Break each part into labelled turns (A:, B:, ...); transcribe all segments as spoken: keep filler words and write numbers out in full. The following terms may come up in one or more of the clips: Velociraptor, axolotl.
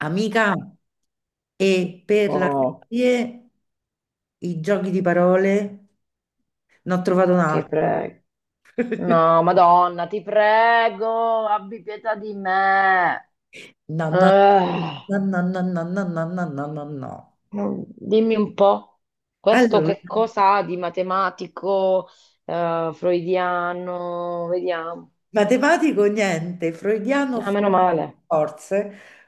A: Amica, e per la
B: Oh,
A: serie i giochi di parole ne ho trovato un
B: ti
A: altro.
B: prego. No, Madonna, ti prego, abbi pietà di me.
A: No, no,
B: Ah,
A: no, no, no, no, no, no, no, no, no, no.
B: non- dimmi un po', questo
A: Allora,
B: che cosa ha di matematico, eh, freudiano? Vediamo.
A: matematico niente, freudiano
B: Ah, meno male.
A: forse,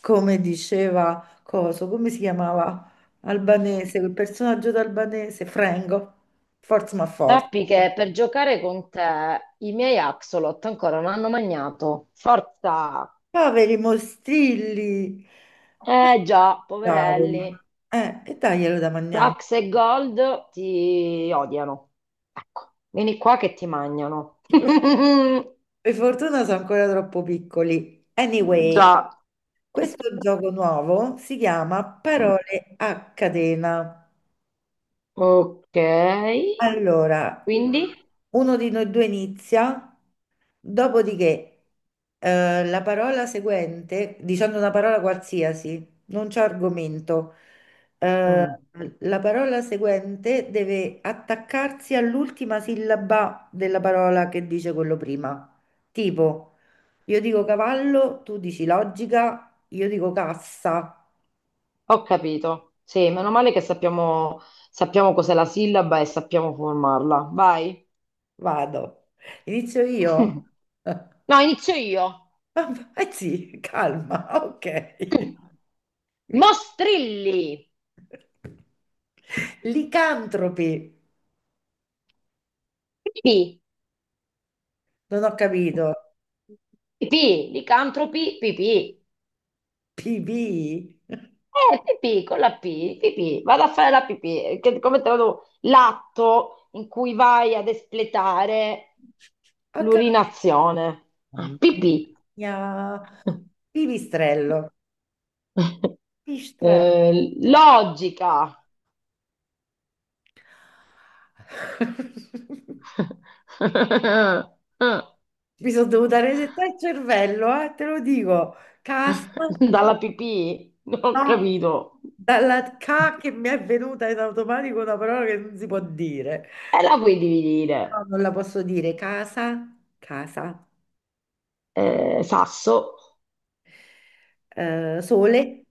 A: come diceva Coso, come si chiamava? Albanese, quel personaggio d'albanese, Frengo, forza ma forza.
B: Sappi che per giocare con te i miei axolot ancora non hanno mangiato. Forza!
A: Poveri mostrilli.
B: Eh già,
A: Cavoli.
B: poverelli.
A: Eh, e daglielo da mangiare.
B: Tax e Gold ti odiano. Ecco, vieni qua che ti mangiano.
A: Per fortuna sono ancora troppo piccoli. Anyway,
B: Già.
A: questo gioco nuovo si chiama Parole a catena.
B: Ok,
A: Allora,
B: quindi,
A: uno di noi due inizia, dopodiché eh, la parola seguente, dicendo una parola qualsiasi, non c'è argomento, eh,
B: Mm,
A: la parola seguente deve attaccarsi all'ultima sillaba della parola che dice quello prima. Tipo. Io dico cavallo, tu dici logica, io dico cassa.
B: ho capito. Sì, meno male che sappiamo, sappiamo cos'è la sillaba e sappiamo formarla. Vai.
A: Vado. Inizio io?
B: No, inizio io.
A: Eh sì, calma, ok. Mi-
B: Mostrilli.
A: Licantropi,
B: Pipì.
A: non ho capito.
B: Pipì. Licantropi. Pipì.
A: P B?
B: Eh, pipì, con la P, pipì, vado a fare la pipì, che, come te lo devo- l'atto in cui vai ad espletare
A: Ho capito.
B: l'urinazione. Ah,
A: Mamma
B: pipì.
A: mia. Pipistrello. Pipistrello.
B: Eh, logica.
A: Mi sono dovuta resettare il cervello, eh, te lo dico. Cassa,
B: Dalla pipì? Non ho
A: no.
B: capito.
A: Dalla K che mi è venuta in automatico una parola che non si può dire.
B: E la puoi dividere.
A: No, non la posso dire. Casa, casa,
B: Eh, sasso,
A: eh, sole,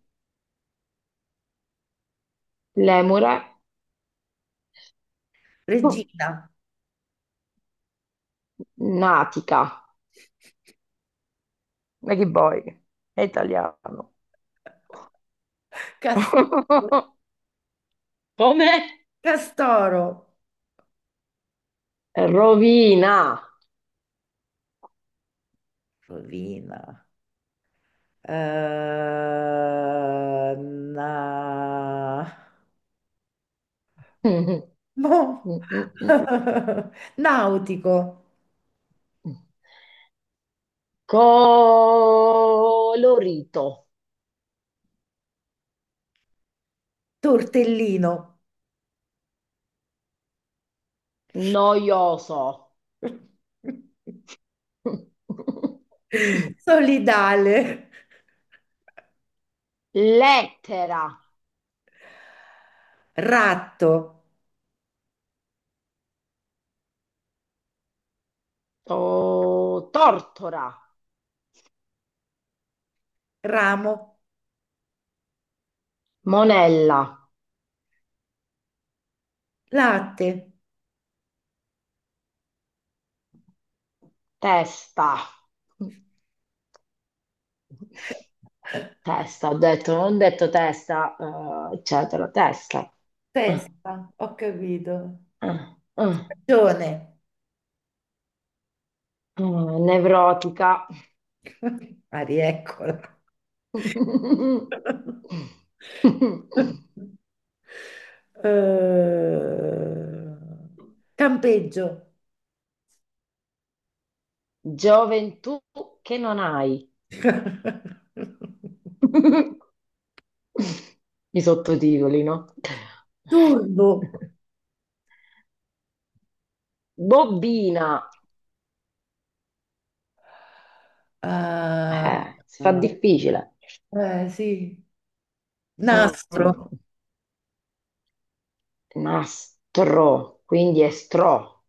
B: lemure,
A: regina,
B: natica. Ma che vuoi? È italiano.
A: castoro,
B: Come?
A: castoro,
B: Rovina.
A: rovina. eh, na- mo- Nautico,
B: Colorito.
A: tortellino,
B: Noioso.
A: solidale,
B: Lettera.
A: ratto.
B: To- tortora.
A: Ramo,
B: Monella.
A: latte,
B: Testa. Testa, ho detto, non ho detto testa, eh, eccetera, testa. Ah,
A: Testa, ho capito.
B: ah, ah,
A: Ragione.
B: ah, nevrotica.
A: Ah, rieccola. Eh, campeggio.
B: Gioventù che non hai. I sottotitoli, no?
A: Turbo.
B: Bobbina.
A: Ah,
B: Eh, si fa difficile.
A: eh, sì.
B: Mm,
A: Nastro.
B: mm. Nastro, quindi è stro,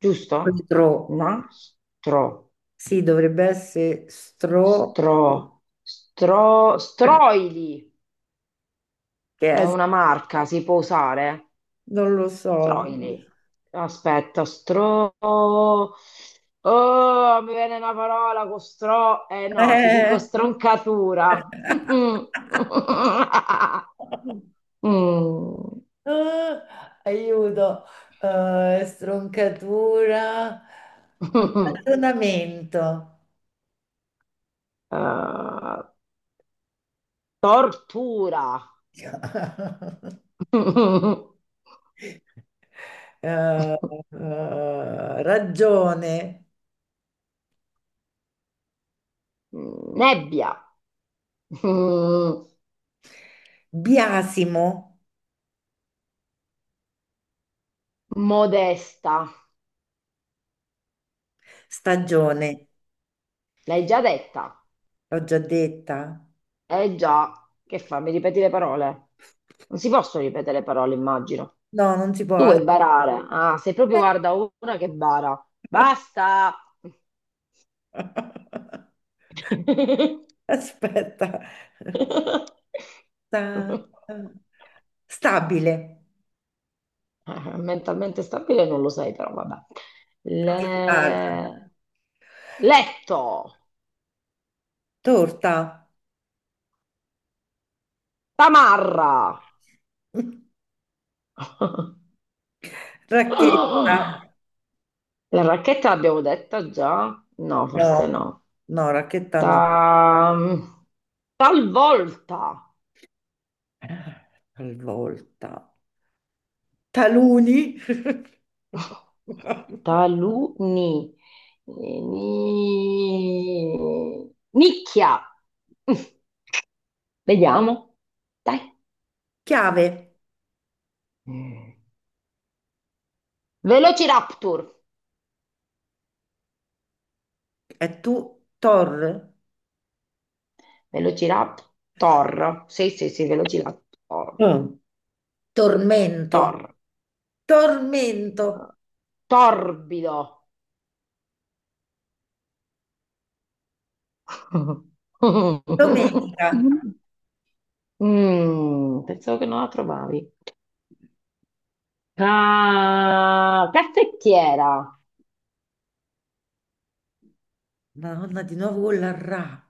B: giusto?
A: Stro.
B: Nastro,
A: Sì, dovrebbe essere stro.
B: stro, stro, stroili.
A: Che
B: Ma è
A: è?
B: una marca, si può usare?
A: Non lo so.
B: Troili. Aspetta, stro... Oh, mi viene una parola con stro... Eh no, ti dico
A: Eh.
B: stroncatura. Mm.
A: Ah, aiuto, Eh, stroncatura, ragionamento,
B: Eh, tortura.
A: Eh, eh, ragione,
B: Nebbia. Mm,
A: biasimo,
B: Modesta.
A: stagione,
B: L'hai già detta?
A: l'ho già detta.
B: Eh già. Che fa? Mi ripeti le parole? Non si possono ripetere le parole, immagino.
A: No, non si
B: Tu
A: può.
B: vuoi barare? Ah, sei proprio,
A: Aspetta.
B: guarda, una che bara. Basta!
A: Aspetta. Sta- Stabile.
B: Eh, mentalmente stabile non lo sei, però vabbè.
A: Ah,
B: Le- Letto!
A: torta.
B: Tamarra!
A: Racchetta,
B: La racchetta l'abbiamo detta già? No, forse
A: no,
B: no.
A: no, racchetta no.
B: Ta- Talvolta!
A: Talvolta. Taluni.
B: Taluni. Eh, ni- Nicchia. Mm, Vediamo. Dai.
A: Chiave,
B: Mm. Velociraptor.
A: e tu, tor,
B: Velociraptor. Sì, sì, sì, Velociraptor.
A: mm. Tormento,
B: Tor.
A: tormento,
B: Torbido.
A: domenica.
B: Mm, pensavo che non la trovavi. Ca- caffettiera.
A: Madonna, di nuovo con la ra.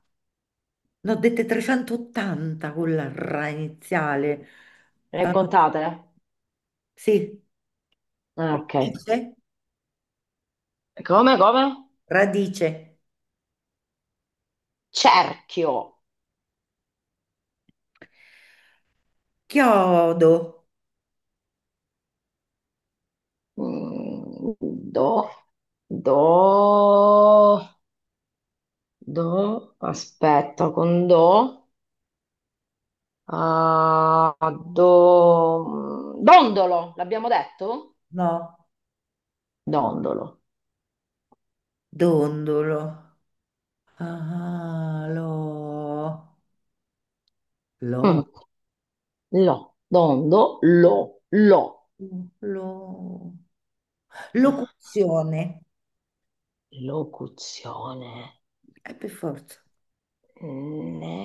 A: Ne ho dette trecentottanta con la ra iniziale.
B: Le
A: Ah,
B: contate?
A: sì,
B: Ah, ok.
A: radice,
B: Come, come?
A: radice.
B: Cerchio.
A: Chiodo,
B: Mm, Do, do, do, aspetta, con do, ah, do, dondolo, l'abbiamo detto?
A: no.
B: Dondolo.
A: Dondolo. Ah, lo,
B: Mm,
A: lo,
B: lo, dondo, lo, lo.
A: lo. Locuzione.
B: Locuzione.
A: Eh, per forza.
B: Ne,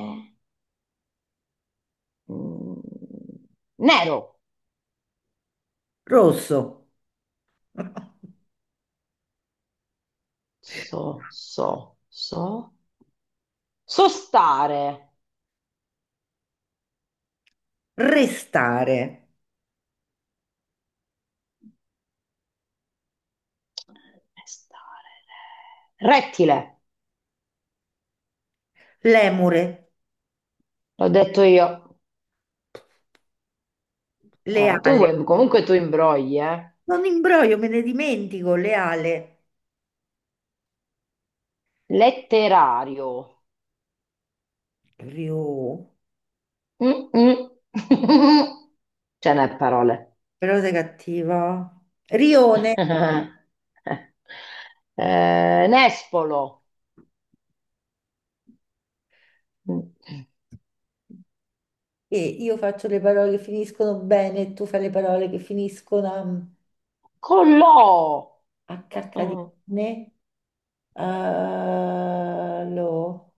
B: mm, nero.
A: Rosso.
B: So, so, so. Sostare.
A: Restare.
B: Pestare re. Rettile,
A: Lemure.
B: l'ho detto io. Eh,
A: Leale.
B: tu comunque tu imbrogli, eh.
A: Non imbroglio, me ne dimentico. Leale.
B: Letterario.
A: Rio.
B: Mm, mm. Ce n'è parole.
A: Però sei cattiva. Rione.
B: Eh, nespolo.
A: E io faccio le parole che finiscono bene e tu fai le parole che finiscono
B: Collò.
A: a, a cacca di
B: Mm.
A: cane. Eh, lo.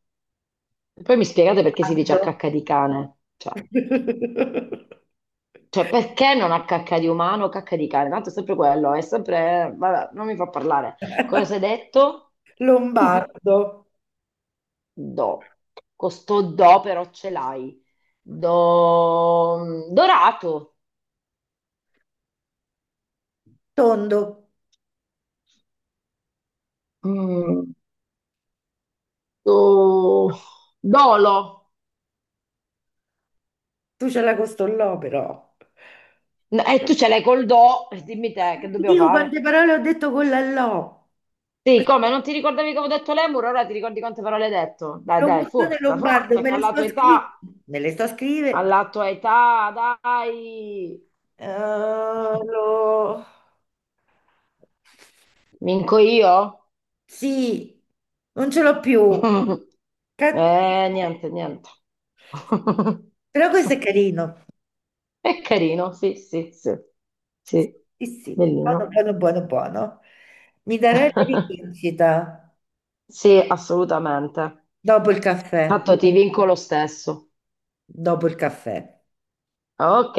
B: Poi mi spiegate perché si dice a
A: Aldo.
B: cacca di cane? Cioè, cioè, perché non a cacca di umano, cacca di cane? Tanto è sempre quello, è sempre... Vabbè, non mi fa parlare. Cosa hai detto?
A: Lombardo,
B: Do. Questo do però ce l'hai. Do... Dorato.
A: tondo,
B: Mm, do... Dolo.
A: tu ce l'hai con sto lo però.
B: No, e tu ce l'hai col do. E dimmi te, che
A: Non ti
B: dobbiamo
A: dico quante
B: fare?
A: parole ho detto con la lo.
B: Sì, come? Non ti ricordavi che avevo detto lemur? Ora ti ricordi quante parole hai detto? Dai, dai,
A: Locuzione
B: forza,
A: lombardo,
B: forza, che
A: me le
B: alla tua
A: sto
B: età,
A: scrivendo. Me le sto scrivendo.
B: alla tua età, dai.
A: Eh, lo.
B: Vinco io?
A: Sì, non ce l'ho più.
B: Eh,
A: Cattiva.
B: niente, niente.
A: Però questo è carino.
B: È carino, sì, sì, sì, sì,
A: Sì, sì, buono,
B: bellino.
A: buono, buono, buono. Mi darei la rivincita
B: Sì, assolutamente.
A: dopo il caffè,
B: Tanto ti vinco lo stesso.
A: dopo il caffè.
B: Ok.